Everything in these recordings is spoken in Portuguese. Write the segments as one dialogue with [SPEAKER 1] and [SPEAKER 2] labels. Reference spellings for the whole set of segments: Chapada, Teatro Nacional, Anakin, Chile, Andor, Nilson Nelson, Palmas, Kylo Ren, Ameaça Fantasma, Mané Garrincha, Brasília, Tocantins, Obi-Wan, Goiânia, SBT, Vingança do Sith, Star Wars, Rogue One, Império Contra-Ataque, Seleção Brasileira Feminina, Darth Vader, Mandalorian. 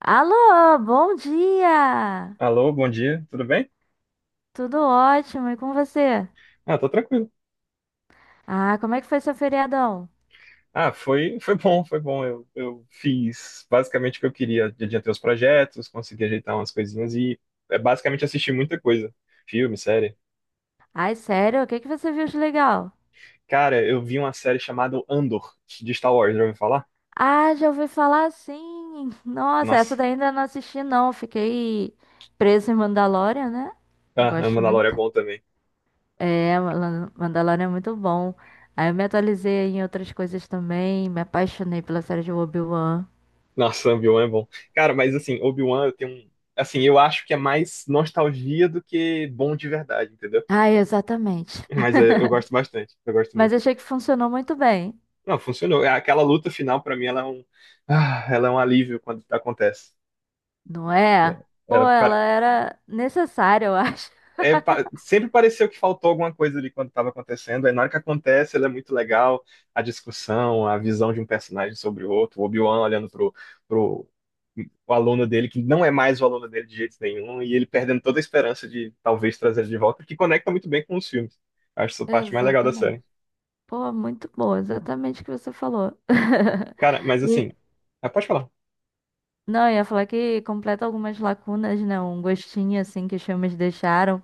[SPEAKER 1] Alô, bom dia!
[SPEAKER 2] Alô, bom dia, tudo bem?
[SPEAKER 1] Tudo ótimo, e com você?
[SPEAKER 2] Ah, tô tranquilo.
[SPEAKER 1] Ah, como é que foi seu feriadão?
[SPEAKER 2] Ah, foi, foi bom, foi bom. Eu fiz basicamente o que eu queria. Adiantei os projetos, consegui ajeitar umas coisinhas e basicamente assisti muita coisa. Filme, série.
[SPEAKER 1] Ai, sério, o que que você viu de legal?
[SPEAKER 2] Cara, eu vi uma série chamada Andor, de Star Wars, já ouviu falar?
[SPEAKER 1] Ah, já ouvi falar sim! Nossa, essa
[SPEAKER 2] Nossa.
[SPEAKER 1] daí ainda não assisti não, fiquei presa em Mandalorian, né?
[SPEAKER 2] Ah, a
[SPEAKER 1] Gosto
[SPEAKER 2] Mandalorian é
[SPEAKER 1] muito.
[SPEAKER 2] bom também.
[SPEAKER 1] É, Mandalorian é muito bom. Aí eu me atualizei em outras coisas também, me apaixonei pela série de Obi-Wan.
[SPEAKER 2] Nossa, Obi-Wan é bom. Cara, mas assim, Obi-Wan eu tenho um... Assim, eu acho que é mais nostalgia do que bom de verdade, entendeu?
[SPEAKER 1] Ah, exatamente.
[SPEAKER 2] Mas é, eu gosto bastante, eu gosto
[SPEAKER 1] Mas
[SPEAKER 2] muito.
[SPEAKER 1] achei que funcionou muito bem.
[SPEAKER 2] Não, funcionou. É, aquela luta final, pra mim, ela é um alívio quando acontece.
[SPEAKER 1] Não
[SPEAKER 2] É,
[SPEAKER 1] é? Pô,
[SPEAKER 2] ela
[SPEAKER 1] ela
[SPEAKER 2] pare-
[SPEAKER 1] era necessária, eu acho.
[SPEAKER 2] é pa- Sempre pareceu que faltou alguma coisa ali quando estava acontecendo. Aí na hora que acontece, ela é muito legal. A discussão, a visão de um personagem sobre o outro, o Obi-Wan olhando pro o aluno dele, que não é mais o aluno dele de jeito nenhum, e ele perdendo toda a esperança de talvez trazer ele de volta, que conecta muito bem com os filmes. Acho essa parte mais legal da
[SPEAKER 1] Exatamente.
[SPEAKER 2] série.
[SPEAKER 1] Pô, muito boa, exatamente o que você falou.
[SPEAKER 2] Cara, mas
[SPEAKER 1] E,
[SPEAKER 2] assim. Ah, pode falar.
[SPEAKER 1] não, eu ia falar que completa algumas lacunas, né? Um gostinho, assim, que os filmes deixaram.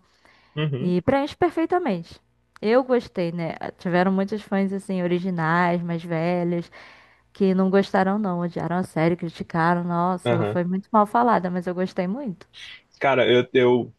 [SPEAKER 2] Uhum.
[SPEAKER 1] E preenche perfeitamente. Eu gostei, né? Tiveram muitos fãs, assim, originais, mais velhos, que não gostaram, não. Odiaram a série, criticaram. Nossa, ela
[SPEAKER 2] Aham.
[SPEAKER 1] foi muito mal falada, mas eu gostei muito.
[SPEAKER 2] Cara, eu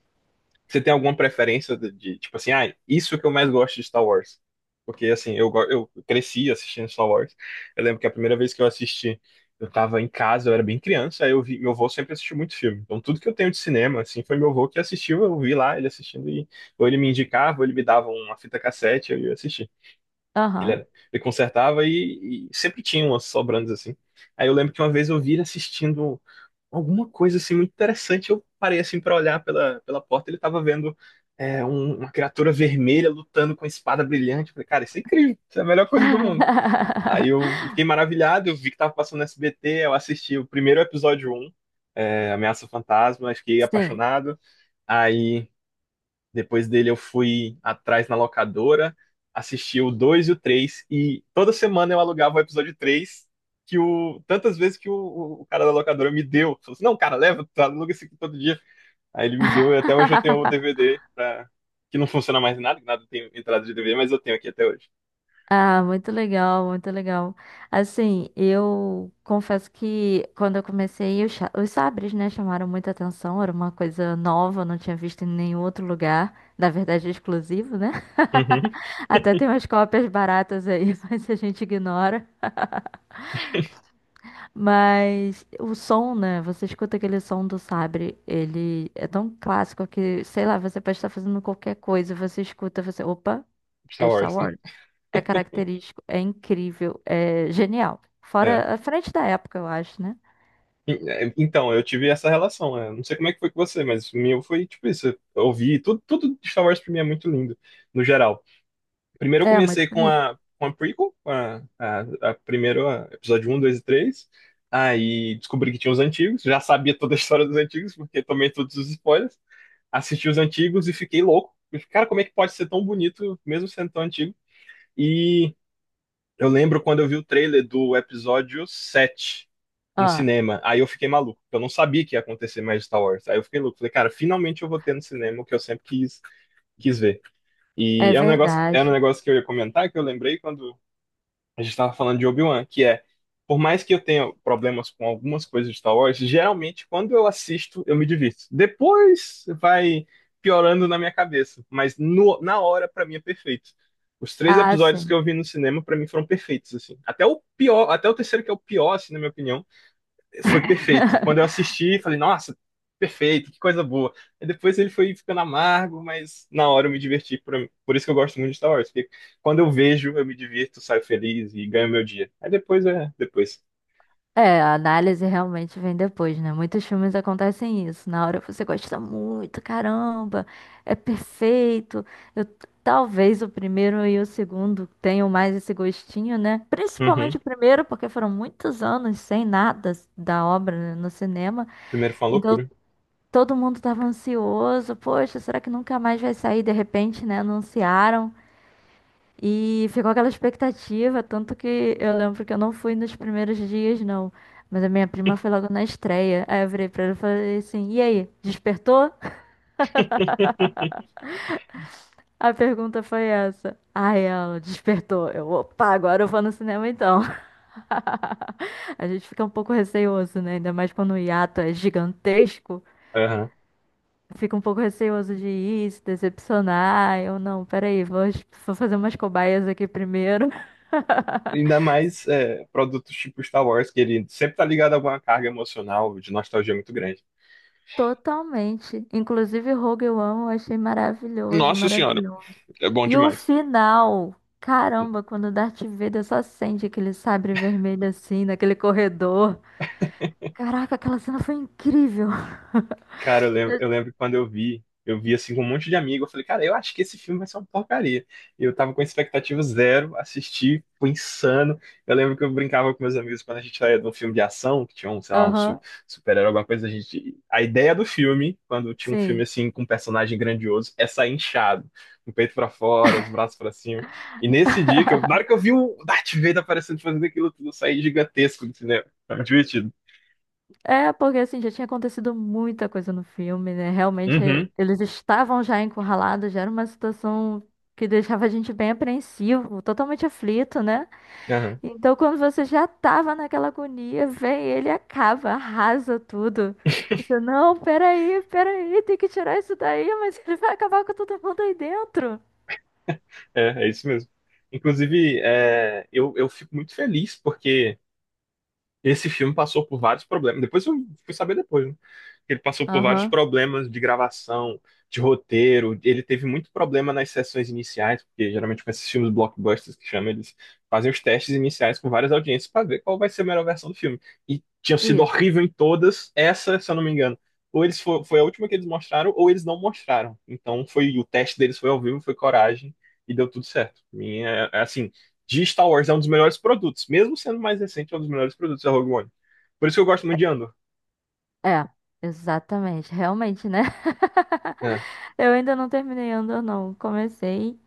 [SPEAKER 2] Você tem alguma preferência de tipo assim, ah, isso que eu mais gosto de Star Wars? Porque assim, eu cresci assistindo Star Wars. Eu lembro que a primeira vez que eu assisti, eu tava em casa, eu era bem criança, aí eu vi, meu avô sempre assistiu muito filme. Então tudo que eu tenho de cinema, assim, foi meu avô que assistiu, eu vi lá ele assistindo e ou ele me indicava, ou ele me dava uma fita cassete, eu ia assistir.
[SPEAKER 1] Aham.
[SPEAKER 2] Ele consertava e sempre tinha umas sobrantes assim. Aí eu lembro que uma vez eu vi ele assistindo alguma coisa assim muito interessante. Eu parei assim para olhar pela porta, ele tava vendo uma criatura vermelha lutando com espada brilhante. Eu falei, cara, isso é incrível, isso é a melhor coisa do mundo. Aí eu fiquei maravilhado, eu vi que tava passando no SBT, eu assisti o primeiro episódio Ameaça Fantasma, fiquei
[SPEAKER 1] Sim.
[SPEAKER 2] apaixonado. Aí depois dele eu fui atrás na locadora, assisti o 2 e o 3 e toda semana eu alugava o episódio 3 que o tantas vezes que o cara da locadora me deu. Falou assim, não, cara, leva, tu aluga esse aqui todo dia. Aí ele me deu e até hoje eu tenho o DVD pra, que não funciona mais nada, que nada tem entrada de DVD, mas eu tenho aqui até hoje.
[SPEAKER 1] Ah, muito legal, muito legal. Assim, eu confesso que quando eu comecei, os sabres, né, chamaram muita atenção, era uma coisa nova, eu não tinha visto em nenhum outro lugar, na verdade, é exclusivo, né?
[SPEAKER 2] Uhum.
[SPEAKER 1] Até tem umas cópias baratas aí, mas a gente ignora. Mas o som, né, você escuta aquele som do sabre, ele é tão clássico que, sei lá, você pode estar fazendo qualquer coisa, você escuta, você, opa,
[SPEAKER 2] Star
[SPEAKER 1] é Star
[SPEAKER 2] Wars, né?
[SPEAKER 1] Wars. É característico, é incrível, é genial.
[SPEAKER 2] É.
[SPEAKER 1] Fora a frente da época, eu acho, né?
[SPEAKER 2] Então, eu tive essa relação, né? Não sei como é que foi com você, mas o meu foi tipo isso. Eu ouvi tudo, tudo de Star Wars pra mim é muito lindo, no geral. Primeiro eu
[SPEAKER 1] É muito
[SPEAKER 2] comecei
[SPEAKER 1] bonito.
[SPEAKER 2] com a prequel, com a primeiro episódio um, 2 e três. Aí descobri que tinha os antigos, já sabia toda a história dos antigos, porque tomei todos os spoilers. Assisti os antigos e fiquei louco. Eu fiquei, cara, como é que pode ser tão bonito, mesmo sendo tão antigo? E eu lembro quando eu vi o trailer do episódio 7 no
[SPEAKER 1] Ah,
[SPEAKER 2] cinema. Aí eu fiquei maluco, porque eu não sabia que ia acontecer mais Star Wars. Aí eu fiquei louco, falei, cara, finalmente eu vou ter no cinema o que eu sempre quis ver.
[SPEAKER 1] é
[SPEAKER 2] E é um negócio, era um
[SPEAKER 1] verdade.
[SPEAKER 2] negócio que eu ia comentar, que eu lembrei quando a gente estava falando de Obi-Wan, que é, por mais que eu tenha problemas com algumas coisas de Star Wars, geralmente quando eu assisto eu me divirto. Depois vai piorando na minha cabeça, mas na hora pra mim é perfeito. Os três
[SPEAKER 1] Ah,
[SPEAKER 2] episódios que
[SPEAKER 1] sim.
[SPEAKER 2] eu vi no cinema pra mim foram perfeitos assim. Até o pior, até o terceiro que é o pior, assim, na minha opinião, foi perfeito. Quando eu assisti, falei, nossa, perfeito, que coisa boa. Aí depois ele foi ficando amargo, mas na hora eu me diverti. Por isso que eu gosto muito de Star Wars, porque quando eu vejo, eu me divirto, saio feliz e ganho meu dia. Aí depois depois.
[SPEAKER 1] É, a análise realmente vem depois, né? Muitos filmes acontecem isso. Na hora você gosta muito, caramba, é perfeito. Eu- Talvez o primeiro e o segundo tenham mais esse gostinho, né? Principalmente
[SPEAKER 2] Uhum.
[SPEAKER 1] o primeiro, porque foram muitos anos sem nada da obra né, no cinema.
[SPEAKER 2] Primeiro foi uma
[SPEAKER 1] Então,
[SPEAKER 2] loucura.
[SPEAKER 1] todo mundo tava ansioso. Poxa, será que nunca mais vai sair? De repente, né? Anunciaram. E ficou aquela expectativa. Tanto que eu lembro que eu não fui nos primeiros dias, não. Mas a minha prima foi logo na estreia. Aí eu virei pra ela e falei assim: E aí, despertou? A pergunta foi essa. Aí ela despertou. Eu, opa, agora eu vou no cinema então. A gente fica um pouco receoso, né? Ainda mais quando o hiato é gigantesco.
[SPEAKER 2] Aham.
[SPEAKER 1] Fica um pouco receoso de ir, se decepcionar. Eu não, peraí, vou fazer umas cobaias aqui primeiro.
[SPEAKER 2] Ainda mais produtos tipo Star Wars, que ele sempre tá ligado a alguma carga emocional de nostalgia muito grande.
[SPEAKER 1] Totalmente. Inclusive, Rogue One eu achei maravilhoso,
[SPEAKER 2] Nossa senhora,
[SPEAKER 1] maravilhoso.
[SPEAKER 2] é bom
[SPEAKER 1] E o
[SPEAKER 2] demais.
[SPEAKER 1] final, caramba, quando o Darth Vader só acende aquele sabre vermelho assim, naquele corredor. Caraca, aquela cena foi incrível.
[SPEAKER 2] Cara, eu lembro quando eu vi assim com um monte de amigo, eu falei, cara, eu acho que esse filme vai ser uma porcaria. E eu tava com expectativa zero, assisti, foi insano. Eu lembro que eu brincava com meus amigos quando a gente saía de um filme de ação, que tinha um, sei lá,
[SPEAKER 1] Aham,
[SPEAKER 2] super-herói, alguma coisa, a gente. A ideia do filme, quando tinha um filme
[SPEAKER 1] sim.
[SPEAKER 2] assim com um personagem grandioso, é sair inchado, com o peito pra fora, os braços pra cima. E nesse dia que eu, na hora que eu vi o Darth Vader aparecendo fazendo aquilo tudo, eu saí gigantesco do cinema. Foi muito divertido.
[SPEAKER 1] É, porque assim, já tinha acontecido muita coisa no filme, né? Realmente,
[SPEAKER 2] Uhum.
[SPEAKER 1] eles estavam já encurralados, já era uma situação que deixava a gente bem apreensivo, totalmente aflito, né? Então, quando você já tava naquela agonia, vem ele e acaba, arrasa tudo. Você, não, peraí, peraí, tem que tirar isso daí, mas ele vai acabar com todo mundo aí dentro.
[SPEAKER 2] É, é isso mesmo. Inclusive, eu fico muito feliz porque esse filme passou por vários problemas. Depois eu fui saber depois, né? Ele passou por vários
[SPEAKER 1] Aham,
[SPEAKER 2] problemas de gravação, de roteiro. Ele teve muito problema nas sessões iniciais, porque geralmente com esses filmes blockbusters que chamam, eles fazem os testes iniciais com várias audiências para ver qual vai ser a melhor versão do filme. E tinham sido
[SPEAKER 1] isso.
[SPEAKER 2] horrível em todas, essa, se eu não me engano. Ou foi a última que eles mostraram, ou eles não mostraram. Então foi o teste deles foi ao vivo, foi coragem e deu tudo certo. É assim, de Star Wars é um dos melhores produtos, mesmo sendo mais recente, é um dos melhores produtos da Rogue One. Por isso que eu gosto muito de Andor.
[SPEAKER 1] É, exatamente, realmente, né?
[SPEAKER 2] É.
[SPEAKER 1] Eu ainda não terminei Andor, não. Comecei,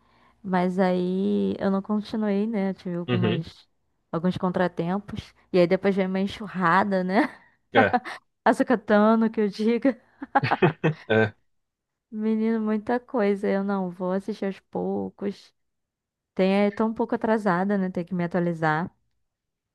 [SPEAKER 1] mas aí eu não continuei, né? Eu tive
[SPEAKER 2] Uhum.
[SPEAKER 1] alguns contratempos. E aí depois veio uma enxurrada, né?
[SPEAKER 2] É.
[SPEAKER 1] Açucatano, que eu diga.
[SPEAKER 2] É,
[SPEAKER 1] Menino, muita coisa. Eu não vou assistir aos poucos. Tem, é tão um pouco atrasada, né? Tem que me atualizar.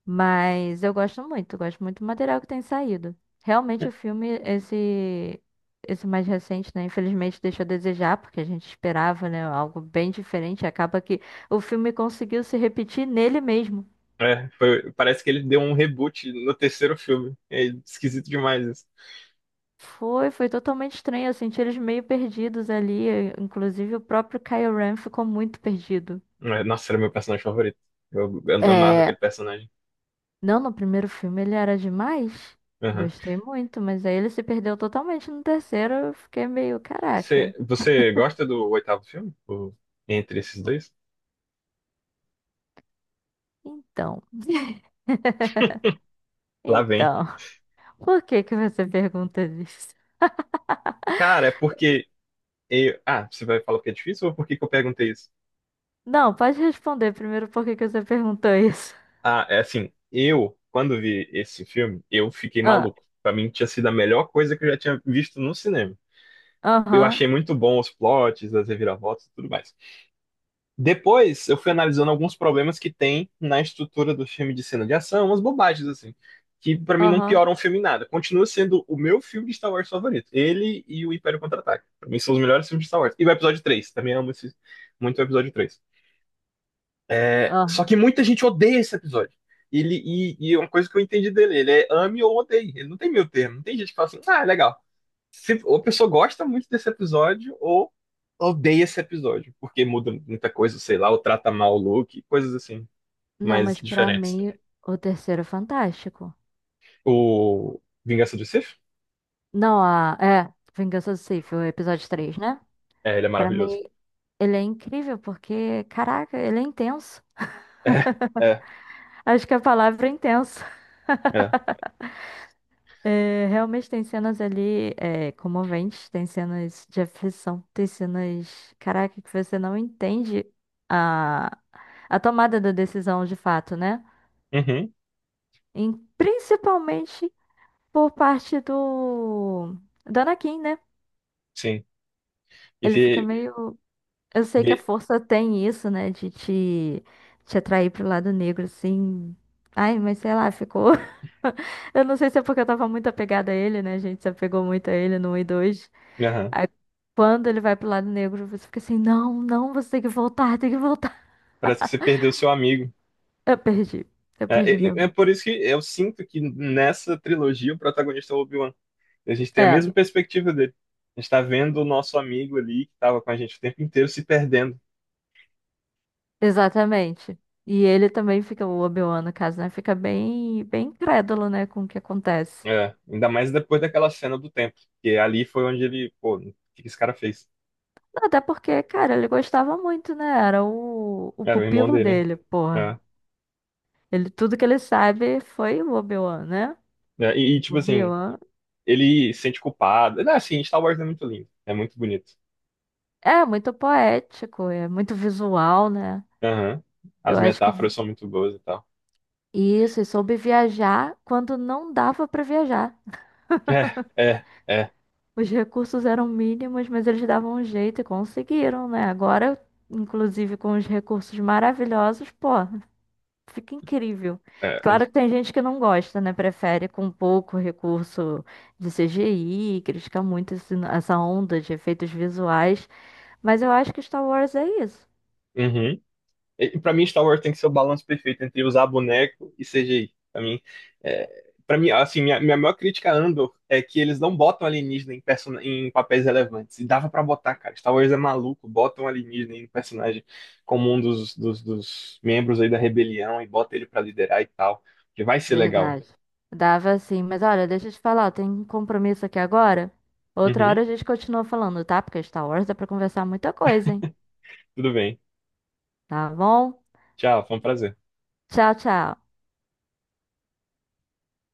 [SPEAKER 1] Mas eu gosto muito do material que tem saído. Realmente o filme, esse mais recente, né? Infelizmente deixou a desejar, porque a gente esperava, né? Algo bem diferente. Acaba que o filme conseguiu se repetir nele mesmo.
[SPEAKER 2] foi- parece que ele deu um reboot no terceiro filme. É esquisito demais isso.
[SPEAKER 1] Foi totalmente estranho. Eu senti eles meio perdidos ali. Inclusive o próprio Kylo Ren ficou muito perdido.
[SPEAKER 2] É, nossa, era meu personagem favorito. Eu amava
[SPEAKER 1] É,
[SPEAKER 2] aquele personagem.
[SPEAKER 1] não, no primeiro filme ele era demais.
[SPEAKER 2] Aham.
[SPEAKER 1] Gostei muito, mas aí ele se perdeu totalmente no terceiro. Eu fiquei meio,
[SPEAKER 2] Você,
[SPEAKER 1] caraca.
[SPEAKER 2] você gosta do oitavo filme? Entre esses dois?
[SPEAKER 1] Então.
[SPEAKER 2] Lá vem.
[SPEAKER 1] Então, por que que você pergunta isso?
[SPEAKER 2] Cara, é porque. Eu, ah, você vai falar porque é difícil ou por que que eu perguntei isso?
[SPEAKER 1] Não, pode responder primeiro por que que você perguntou isso.
[SPEAKER 2] Ah, é assim. Eu, quando vi esse filme, eu fiquei
[SPEAKER 1] Ah,
[SPEAKER 2] maluco. Pra mim, tinha sido a melhor coisa que eu já tinha visto no cinema. Eu
[SPEAKER 1] aham,
[SPEAKER 2] achei muito bom os plots, as reviravoltas e tudo mais. Depois eu fui analisando alguns problemas que tem na estrutura do filme de cena de ação, umas bobagens assim, que pra mim não
[SPEAKER 1] aham,
[SPEAKER 2] pioram o filme em nada. Continua sendo o meu filme de Star Wars favorito. Ele e o Império Contra-Ataque. Pra mim são os melhores filmes de Star Wars. E o episódio 3 também amo muito o episódio 3. É, só que
[SPEAKER 1] aham.
[SPEAKER 2] muita gente odeia esse episódio. Ele, e Uma coisa que eu entendi dele, ele é ame ou odeie. Ele não tem meio termo. Não tem gente que fala assim, ah, é legal se, ou a pessoa gosta muito desse episódio, ou odeia esse episódio, porque muda muita coisa, sei lá, ou trata mal o Luke, coisas assim,
[SPEAKER 1] Não,
[SPEAKER 2] mais
[SPEAKER 1] mas pra
[SPEAKER 2] diferentes.
[SPEAKER 1] mim, o terceiro é fantástico.
[SPEAKER 2] O Vingança do Sith?
[SPEAKER 1] Não, Vingança do Sith, o episódio 3, né?
[SPEAKER 2] É, ele é
[SPEAKER 1] Pra
[SPEAKER 2] maravilhoso.
[SPEAKER 1] mim, ele é incrível porque, caraca, ele é intenso.
[SPEAKER 2] É, é,
[SPEAKER 1] Acho que a palavra é intenso.
[SPEAKER 2] é.
[SPEAKER 1] É, realmente tem cenas ali comoventes, tem cenas de aflição, tem cenas, caraca, que você não entende a, a tomada da decisão de fato, né?
[SPEAKER 2] Uhum,
[SPEAKER 1] Principalmente por parte do Anakin, né?
[SPEAKER 2] sim. E
[SPEAKER 1] Ele fica
[SPEAKER 2] vê,
[SPEAKER 1] meio. Eu sei que
[SPEAKER 2] vê,
[SPEAKER 1] a força tem isso, né? De te atrair pro lado negro, assim. Ai, mas sei lá, ficou. Eu não sei se é porque eu tava muito apegada a ele, né? A gente se apegou muito a ele no 1 e 2.
[SPEAKER 2] aham.
[SPEAKER 1] Aí quando ele vai pro lado negro, você fica assim, não, não, você tem que voltar, tem que voltar.
[SPEAKER 2] Parece que você perdeu seu amigo.
[SPEAKER 1] Eu perdi, eu perdi
[SPEAKER 2] É, é
[SPEAKER 1] mesmo.
[SPEAKER 2] por isso que eu sinto que nessa trilogia o protagonista é o Obi-Wan. A gente tem a
[SPEAKER 1] É,
[SPEAKER 2] mesma perspectiva dele. A gente tá vendo o nosso amigo ali, que tava com a gente o tempo inteiro, se perdendo.
[SPEAKER 1] exatamente. E ele também fica, o Obi-Wan, no caso, né? Fica bem, bem incrédulo, né, com o que acontece.
[SPEAKER 2] É, ainda mais depois daquela cena do templo porque ali foi onde ele, pô, o que que esse cara fez?
[SPEAKER 1] Até porque, cara, ele gostava muito, né? Era o
[SPEAKER 2] Era o irmão
[SPEAKER 1] pupilo
[SPEAKER 2] dele,
[SPEAKER 1] dele, porra.
[SPEAKER 2] né?
[SPEAKER 1] Ele, tudo que ele sabe foi o Obi-Wan, né? O
[SPEAKER 2] Tipo assim,
[SPEAKER 1] Obi-Wan
[SPEAKER 2] ele se sente culpado. Não, assim, Star Wars é muito lindo, é muito bonito.
[SPEAKER 1] é muito poético, é muito visual, né?
[SPEAKER 2] Aham. As
[SPEAKER 1] Eu acho que
[SPEAKER 2] metáforas são muito boas e tal.
[SPEAKER 1] isso, e soube viajar quando não dava para viajar.
[SPEAKER 2] É, é, é,
[SPEAKER 1] Os recursos eram mínimos, mas eles davam um jeito e conseguiram, né? Agora, inclusive com os recursos maravilhosos, pô, fica incrível.
[SPEAKER 2] é. é,
[SPEAKER 1] Claro que tem gente que não gosta, né? Prefere com pouco recurso de CGI, critica muito essa onda de efeitos visuais, mas eu acho que Star Wars é isso.
[SPEAKER 2] Uhum. E pra mim, Star Wars tem que ser o balanço perfeito entre usar boneco e CGI. Pra mim assim, minha maior crítica a Andor é que eles não botam alienígena em, person... em papéis relevantes. E dava pra botar, cara. Star Wars é maluco, botam alienígena em um personagem como um dos membros aí da rebelião e bota ele pra liderar e tal. Que vai ser legal.
[SPEAKER 1] Verdade. Dava sim, mas olha, deixa eu te falar, tem um compromisso aqui agora. Outra hora
[SPEAKER 2] Uhum,
[SPEAKER 1] a gente continua falando, tá? Porque Star Wars dá pra conversar muita coisa, hein?
[SPEAKER 2] tudo bem.
[SPEAKER 1] Tá bom?
[SPEAKER 2] Tchau, foi um prazer.
[SPEAKER 1] Tchau, tchau.